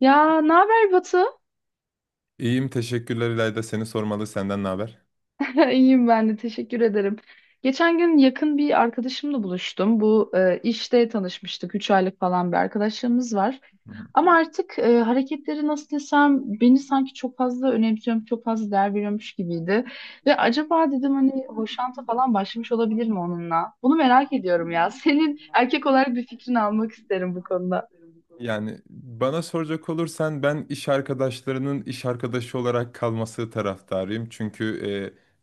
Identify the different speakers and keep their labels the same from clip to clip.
Speaker 1: Ya ne haber Batu?
Speaker 2: İyiyim teşekkürler İlayda, seni sormalı, senden ne haber?
Speaker 1: İyiyim ben de teşekkür ederim. Geçen gün yakın bir arkadaşımla buluştum. Bu işte tanışmıştık. 3 aylık falan bir arkadaşlığımız var.
Speaker 2: Hı hı.
Speaker 1: Ama artık hareketleri nasıl desem beni sanki çok fazla önemsiyorum, çok fazla değer veriyormuş gibiydi. Ve acaba dedim hani hoşanta falan başlamış olabilir mi onunla? Bunu merak ediyorum ya. Senin erkek olarak bir fikrini almak isterim bu konuda.
Speaker 2: Yani bana soracak olursan ben iş arkadaşlarının iş arkadaşı olarak kalması taraftarıyım. Çünkü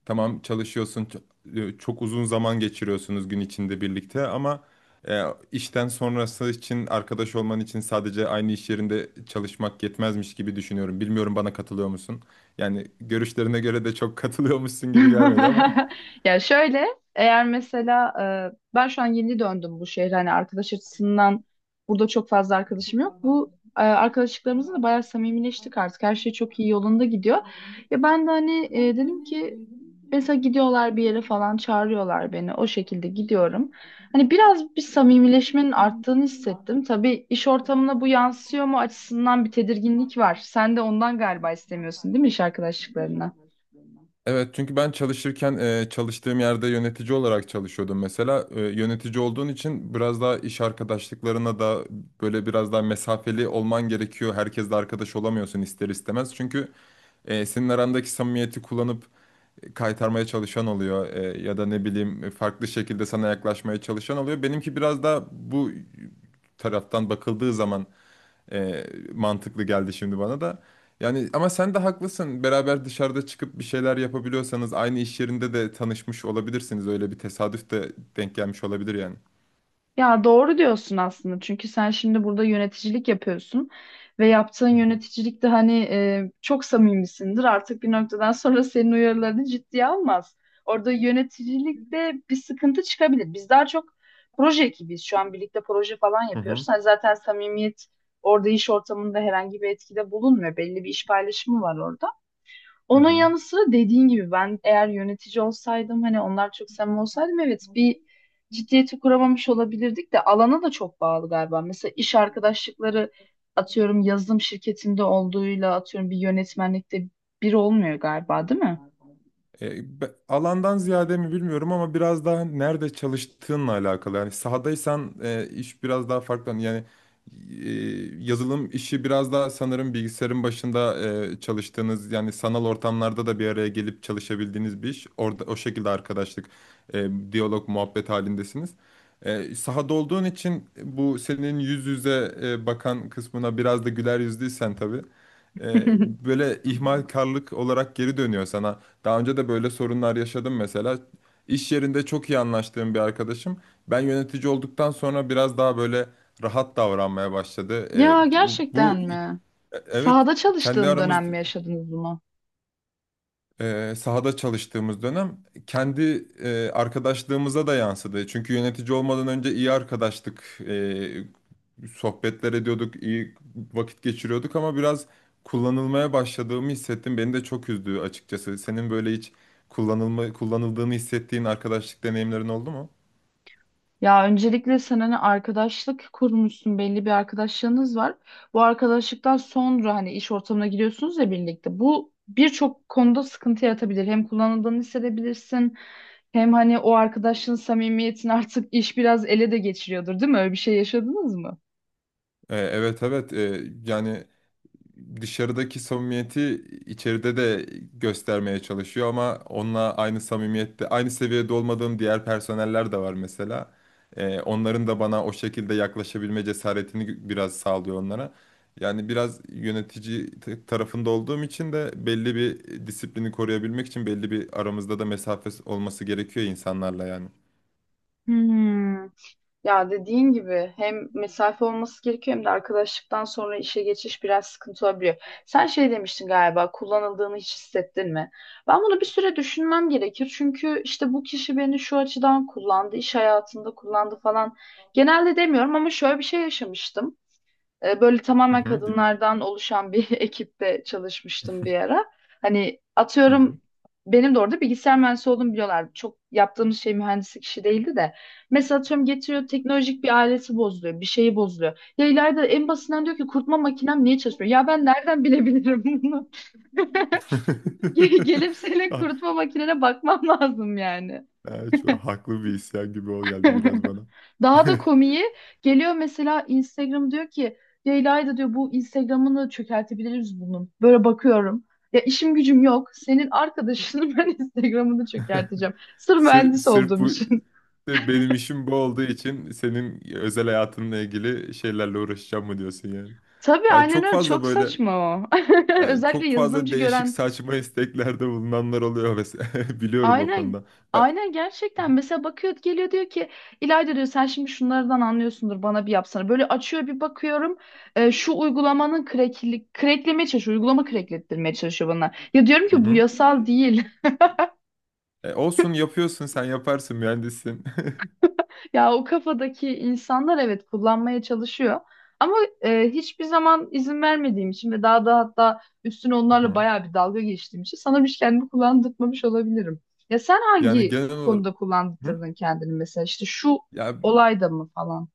Speaker 2: tamam çalışıyorsun, çok uzun zaman geçiriyorsunuz gün içinde birlikte, ama e, işten sonrası için arkadaş olman için sadece aynı iş yerinde çalışmak yetmezmiş gibi düşünüyorum. Bilmiyorum, bana katılıyor musun? Yani görüşlerine göre de çok katılıyormuşsun gibi gelmedi ama.
Speaker 1: Ya şöyle, eğer mesela ben şu an yeni döndüm bu şehre, hani arkadaş açısından burada çok fazla arkadaşım yok. Bu arkadaşlıklarımızla da bayağı samimileştik artık. Her şey çok iyi yolunda gidiyor. Ya ben de hani dedim ki mesela gidiyorlar bir yere falan, çağırıyorlar beni. O şekilde gidiyorum. Hani biraz bir samimileşmenin arttığını hissettim. Tabii iş ortamına bu yansıyor mu açısından bir tedirginlik var. Sen de ondan galiba istemiyorsun değil mi iş arkadaşlıklarına?
Speaker 2: Evet, çünkü ben çalışırken çalıştığım yerde yönetici olarak çalışıyordum mesela. Yönetici olduğun için biraz daha iş arkadaşlıklarına da böyle biraz daha mesafeli olman gerekiyor. Herkesle arkadaş olamıyorsun ister istemez. Çünkü senin arandaki samimiyeti kullanıp kaytarmaya çalışan oluyor. Ya da ne bileyim, farklı şekilde sana yaklaşmaya çalışan oluyor. Benimki biraz daha bu taraftan bakıldığı zaman e, mantıklı geldi şimdi bana da. Yani ama sen de haklısın. Beraber dışarıda çıkıp bir şeyler yapabiliyorsanız aynı iş yerinde de tanışmış olabilirsiniz. Öyle bir tesadüf de denk gelmiş olabilir yani.
Speaker 1: Ya doğru diyorsun aslında, çünkü sen şimdi burada yöneticilik yapıyorsun ve yaptığın
Speaker 2: Hı hı.
Speaker 1: yöneticilikte hani çok samimisindir, artık bir noktadan sonra senin uyarılarını ciddiye almaz. Orada yöneticilikte bir sıkıntı çıkabilir. Biz daha çok proje ekibiyiz, şu an birlikte proje falan
Speaker 2: Hı
Speaker 1: yapıyoruz.
Speaker 2: hı.
Speaker 1: Hani zaten samimiyet orada iş ortamında herhangi bir etkide bulunmuyor, belli bir iş paylaşımı var orada.
Speaker 2: Hı
Speaker 1: Onun
Speaker 2: hı.
Speaker 1: yanı sıra, dediğin gibi, ben eğer yönetici olsaydım, hani onlar çok samimi olsaydım, evet bir ciddiyeti kuramamış olabilirdik de alana da çok bağlı galiba. Mesela iş arkadaşlıkları atıyorum yazılım şirketinde olduğuyla atıyorum bir yönetmenlikte bir olmuyor galiba, değil mi?
Speaker 2: Alandan ziyade mi bilmiyorum ama biraz daha nerede çalıştığınla alakalı. Yani sahadaysan iş biraz daha farklı. Yani e, yazılım işi biraz daha sanırım bilgisayarın başında çalıştığınız, yani sanal ortamlarda da bir araya gelip çalışabildiğiniz bir iş. Orada o şekilde arkadaşlık, diyalog, muhabbet halindesiniz. Sahada olduğun için bu senin yüz yüze bakan kısmına, biraz da güler yüzlüysen tabii, e, böyle ihmalkarlık olarak geri dönüyor sana. Daha önce de böyle sorunlar yaşadım mesela. İş yerinde çok iyi anlaştığım bir arkadaşım, ben yönetici olduktan sonra biraz daha böyle rahat davranmaya başladı.
Speaker 1: Ya gerçekten mi?
Speaker 2: Evet,
Speaker 1: Sahada
Speaker 2: kendi
Speaker 1: çalıştığın
Speaker 2: aramız,
Speaker 1: dönem mi yaşadınız bunu?
Speaker 2: sahada çalıştığımız dönem kendi arkadaşlığımıza da yansıdı. Çünkü yönetici olmadan önce iyi arkadaştık. Sohbetler ediyorduk, iyi vakit geçiriyorduk ama biraz kullanılmaya başladığımı hissettim. Beni de çok üzdü açıkçası. Senin böyle hiç kullanıldığını hissettiğin arkadaşlık deneyimlerin oldu mu?
Speaker 1: Ya öncelikle sen hani arkadaşlık kurmuşsun, belli bir arkadaşlığınız var. Bu arkadaşlıktan sonra hani iş ortamına giriyorsunuz ya birlikte. Bu birçok konuda sıkıntı yaratabilir. Hem kullanıldığını hissedebilirsin, hem hani o arkadaşlığın samimiyetini artık iş biraz ele de geçiriyordur, değil mi? Öyle bir şey yaşadınız mı?
Speaker 2: Evet evet. Yani dışarıdaki samimiyeti içeride de göstermeye çalışıyor ama onunla aynı samimiyette, aynı seviyede olmadığım diğer personeller de var mesela. Onların da bana o şekilde yaklaşabilme cesaretini biraz sağlıyor onlara. Yani biraz yönetici tarafında olduğum için de belli bir disiplini koruyabilmek için belli bir aramızda da mesafe olması gerekiyor insanlarla yani.
Speaker 1: Hmm. Ya dediğin gibi hem mesafe olması gerekiyor, hem de arkadaşlıktan sonra işe geçiş biraz sıkıntı olabiliyor. Sen şey demiştin galiba, kullanıldığını hiç hissettin mi? Ben bunu bir süre düşünmem gerekir. Çünkü işte bu kişi beni şu açıdan kullandı, iş hayatında kullandı falan. Genelde demiyorum ama şöyle bir şey yaşamıştım. Böyle
Speaker 2: Hı
Speaker 1: tamamen
Speaker 2: hı, dinliyorum.
Speaker 1: kadınlardan oluşan bir ekipte çalışmıştım bir ara. Hani
Speaker 2: Hı
Speaker 1: atıyorum
Speaker 2: hı.
Speaker 1: benim de orada bilgisayar mühendisi olduğumu biliyorlar. Çok yaptığımız şey mühendislik işi değildi de. Mesela atıyorum getiriyor teknolojik bir aleti, bozuluyor. Bir şeyi bozuluyor. Ya ileride, en basitinden, diyor ki kurutma makinem niye çalışmıyor? Ya ben nereden bilebilirim bunu? Gelip senin
Speaker 2: Ah,
Speaker 1: kurutma makinene bakmam lazım yani.
Speaker 2: ah, çok haklı bir isyan gibi o geldi biraz bana.
Speaker 1: Daha da komiği geliyor, mesela Instagram diyor ki Leyla'yı diyor bu, Instagram'ını çökertebiliriz bunun. Böyle bakıyorum. Ya işim gücüm yok. Senin arkadaşının ben Instagram'ını çökerteceğim. Sırf mühendis
Speaker 2: Sırf
Speaker 1: olduğum
Speaker 2: bu,
Speaker 1: için.
Speaker 2: sırf benim işim bu olduğu için senin özel hayatınla ilgili şeylerle uğraşacağım mı diyorsun yani?
Speaker 1: Tabii
Speaker 2: Yani
Speaker 1: aynen
Speaker 2: çok
Speaker 1: öyle.
Speaker 2: fazla
Speaker 1: Çok
Speaker 2: böyle,
Speaker 1: saçma o.
Speaker 2: yani
Speaker 1: Özellikle
Speaker 2: çok fazla
Speaker 1: yazılımcı
Speaker 2: değişik
Speaker 1: gören
Speaker 2: saçma isteklerde bulunanlar oluyor mesela. Biliyorum o
Speaker 1: aynen
Speaker 2: konuda. Ben-
Speaker 1: aynen gerçekten, mesela bakıyor, geliyor, diyor ki İlayda diyor sen şimdi şunlardan anlıyorsundur, bana bir yapsana. Böyle açıyor, bir bakıyorum şu uygulamanın kreklemeye çalışıyor uygulama, kreklettirmeye çalışıyor bana. Ya diyorum
Speaker 2: Hı
Speaker 1: ki bu
Speaker 2: hı.
Speaker 1: yasal değil.
Speaker 2: E, olsun, yapıyorsun, sen yaparsın, mühendissin.
Speaker 1: Ya o kafadaki insanlar, evet, kullanmaya çalışıyor. Ama hiçbir zaman izin vermediğim için ve daha da hatta üstüne
Speaker 2: Hı
Speaker 1: onlarla
Speaker 2: hı.
Speaker 1: bayağı bir dalga geçtiğim için, sana bir kendimi kullandırmamış olabilirim. Ya sen
Speaker 2: Yani
Speaker 1: hangi
Speaker 2: genel olarak.
Speaker 1: konuda
Speaker 2: Hı?
Speaker 1: kullandırdın kendini, mesela işte şu
Speaker 2: Ya
Speaker 1: olayda mı falan?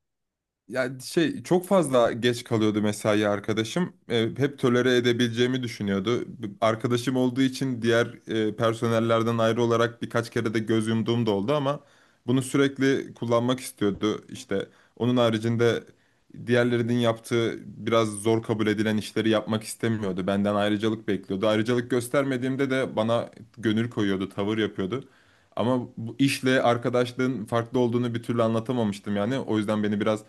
Speaker 2: yani şey, çok fazla geç kalıyordu mesai arkadaşım. Hep tolere edebileceğimi düşünüyordu. Arkadaşım olduğu için diğer personellerden ayrı olarak birkaç kere de göz yumduğum da oldu ama bunu sürekli kullanmak istiyordu. İşte onun haricinde diğerlerinin yaptığı biraz zor kabul edilen işleri yapmak istemiyordu. Benden ayrıcalık bekliyordu. Ayrıcalık göstermediğimde de bana gönül koyuyordu, tavır yapıyordu. Ama bu işle arkadaşlığın farklı olduğunu bir türlü anlatamamıştım yani. O yüzden beni biraz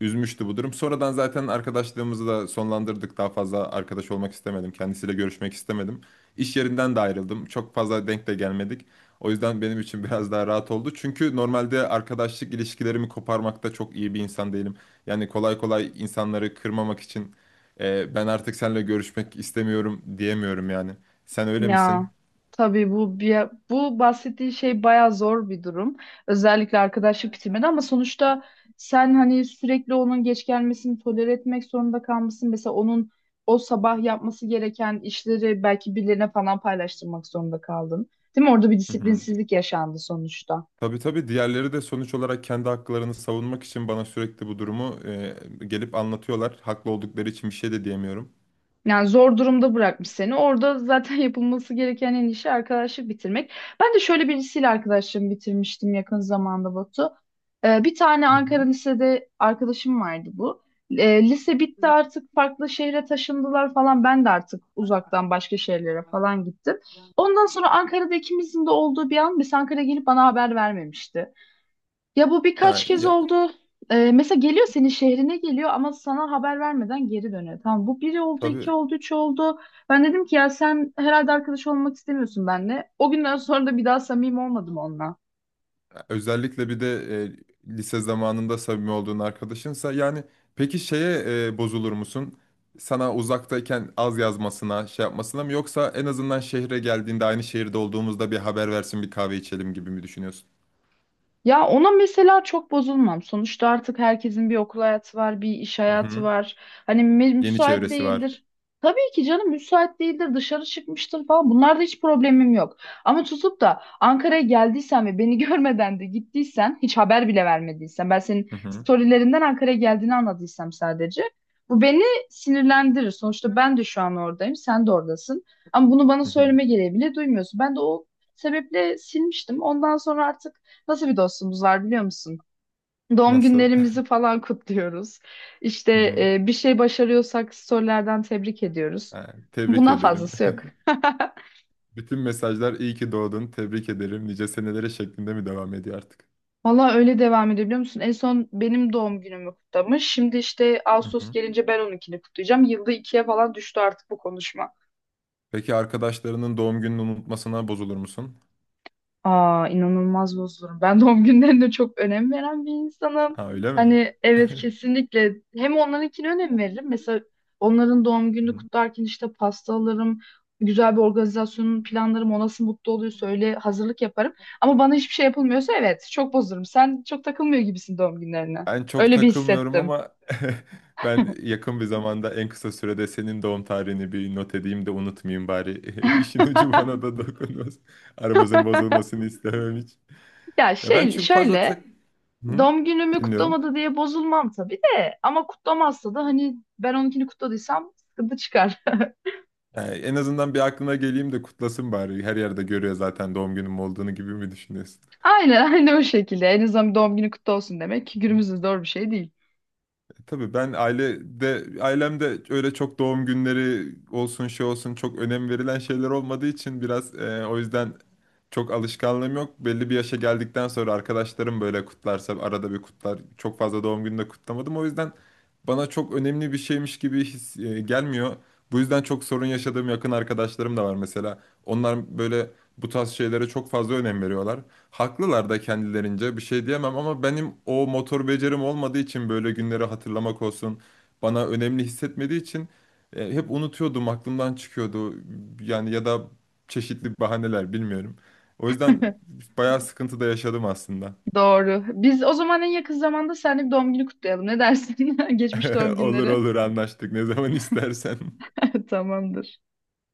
Speaker 2: üzmüştü bu durum. Sonradan zaten arkadaşlığımızı da sonlandırdık. Daha fazla arkadaş olmak istemedim. Kendisiyle görüşmek istemedim. İş yerinden de ayrıldım. Çok fazla denk de gelmedik. O yüzden benim için biraz daha rahat oldu. Çünkü normalde arkadaşlık ilişkilerimi koparmakta çok iyi bir insan değilim. Yani kolay kolay insanları kırmamak için ben artık seninle görüşmek istemiyorum diyemiyorum yani. Sen öyle misin?
Speaker 1: Ya tabii bu bahsettiği şey bayağı zor bir durum. Özellikle arkadaşlık bitirmede, ama sonuçta sen hani sürekli onun geç gelmesini tolere etmek zorunda kalmışsın. Mesela onun o sabah yapması gereken işleri belki birilerine falan paylaştırmak zorunda kaldın. Değil mi? Orada bir
Speaker 2: Hı hı.
Speaker 1: disiplinsizlik yaşandı sonuçta.
Speaker 2: Tabii tabii, diğerleri de sonuç olarak kendi haklarını savunmak için bana sürekli bu durumu, gelip anlatıyorlar. Haklı oldukları için bir şey de diyemiyorum.
Speaker 1: Yani zor durumda bırakmış seni. Orada zaten yapılması gereken en işi arkadaşlık bitirmek. Ben de şöyle birisiyle arkadaşlığımı bitirmiştim yakın zamanda Batu. Bir tane
Speaker 2: Hı
Speaker 1: Ankara
Speaker 2: hı.
Speaker 1: lisede arkadaşım vardı bu. Lise bitti, artık farklı şehre taşındılar falan. Ben de artık uzaktan başka şehirlere falan gittim. Ondan sonra Ankara'da ikimizin de olduğu bir an, biz Ankara'ya gelip bana haber vermemişti. Ya bu
Speaker 2: Ha
Speaker 1: birkaç kez
Speaker 2: ya,
Speaker 1: oldu. Mesela geliyor, senin şehrine geliyor ama sana haber vermeden geri dönüyor. Tamam, bu biri oldu, iki
Speaker 2: tabii,
Speaker 1: oldu, üç oldu. Ben dedim ki ya sen herhalde arkadaş olmak istemiyorsun benimle. O günden sonra da bir daha samimi olmadım onunla.
Speaker 2: özellikle bir de lise zamanında samimi olduğun arkadaşınsa, yani peki şeye, bozulur musun? Sana uzaktayken az yazmasına, şey yapmasına mı, yoksa en azından şehre geldiğinde aynı şehirde olduğumuzda bir haber versin, bir kahve içelim gibi mi düşünüyorsun?
Speaker 1: Ya ona mesela çok bozulmam. Sonuçta artık herkesin bir okul hayatı var, bir iş
Speaker 2: Hı
Speaker 1: hayatı
Speaker 2: hı.
Speaker 1: var. Hani
Speaker 2: Yeni
Speaker 1: müsait
Speaker 2: çevresi var.
Speaker 1: değildir. Tabii ki canım müsait değildir, dışarı çıkmıştır falan. Bunlarda hiç problemim yok. Ama tutup da Ankara'ya geldiysen ve beni görmeden de gittiysen, hiç haber bile vermediysen, ben senin
Speaker 2: Hı hı.
Speaker 1: storylerinden Ankara'ya geldiğini anladıysam sadece, bu beni sinirlendirir. Sonuçta ben de şu an oradayım, sen de oradasın. Ama bunu bana
Speaker 2: Hı hı.
Speaker 1: söyleme gereği bile duymuyorsun. Ben de o sebeple silmiştim. Ondan sonra artık, nasıl bir dostumuz var biliyor musun? Doğum
Speaker 2: Nasıl?
Speaker 1: günlerimizi falan kutluyoruz. İşte bir şey başarıyorsak storylerden tebrik ediyoruz.
Speaker 2: Yani tebrik
Speaker 1: Buna
Speaker 2: ederim.
Speaker 1: fazlası yok.
Speaker 2: Bütün mesajlar iyi ki doğdun, tebrik ederim, nice senelere şeklinde mi devam ediyor artık?
Speaker 1: Valla öyle devam ediyor biliyor musun? En son benim doğum günümü kutlamış. Şimdi işte
Speaker 2: Hı
Speaker 1: Ağustos
Speaker 2: hı.
Speaker 1: gelince ben onunkini kutlayacağım. Yılda ikiye falan düştü artık bu konuşma.
Speaker 2: Peki arkadaşlarının doğum gününü unutmasına bozulur musun?
Speaker 1: Aa inanılmaz bozulurum. Ben doğum günlerine çok önem veren bir insanım.
Speaker 2: Ha, öyle mi?
Speaker 1: Hani evet,
Speaker 2: Hı.
Speaker 1: kesinlikle hem onlarınkine önem veririm. Mesela onların doğum gününü kutlarken işte pasta alırım. Güzel bir organizasyonun planlarım. O nasıl mutlu oluyorsa öyle hazırlık yaparım. Ama bana hiçbir şey yapılmıyorsa evet çok bozulurum. Sen çok takılmıyor gibisin doğum günlerine.
Speaker 2: Ben çok
Speaker 1: Öyle bir
Speaker 2: takılmıyorum
Speaker 1: hissettim.
Speaker 2: ama ben yakın bir zamanda en kısa sürede senin doğum tarihini bir not edeyim de unutmayayım bari. İşin ucu bana da dokunmaz. Aramızın bozulmasını istemem hiç.
Speaker 1: Ya
Speaker 2: Ya ben
Speaker 1: şey,
Speaker 2: çok fazla tak...
Speaker 1: şöyle,
Speaker 2: Hı?
Speaker 1: doğum günümü
Speaker 2: Dinliyorum.
Speaker 1: kutlamadı diye bozulmam tabii de, ama kutlamazsa da hani ben onunkini kutladıysam sıkıntı çıkar.
Speaker 2: Yani en azından bir aklına geleyim de kutlasın bari. Her yerde görüyor zaten doğum günüm olduğunu gibi mi düşünüyorsun?
Speaker 1: Aynen aynen, o şekilde. En azından doğum günü kutlu olsun demek ki günümüzde zor bir şey değil.
Speaker 2: E, tabii ben ailede, ailemde öyle çok doğum günleri olsun, şey olsun, çok önem verilen şeyler olmadığı için biraz o yüzden çok alışkanlığım yok. Belli bir yaşa geldikten sonra arkadaşlarım böyle kutlarsa arada bir kutlar. Çok fazla doğum gününü de kutlamadım. O yüzden bana çok önemli bir şeymiş gibi gelmiyor. Bu yüzden çok sorun yaşadığım yakın arkadaşlarım da var mesela. Onlar böyle bu tarz şeylere çok fazla önem veriyorlar. Haklılar da kendilerince, bir şey diyemem, ama benim o motor becerim olmadığı için böyle günleri hatırlamak olsun bana önemli hissetmediği için hep unutuyordum, aklımdan çıkıyordu yani, ya da çeşitli bahaneler, bilmiyorum. O yüzden bayağı sıkıntı da yaşadım aslında.
Speaker 1: Doğru. Biz o zaman en yakın zamanda seninle bir doğum günü kutlayalım. Ne dersin? Geçmiş doğum
Speaker 2: Olur
Speaker 1: günleri.
Speaker 2: olur, anlaştık, ne zaman istersen.
Speaker 1: Tamamdır.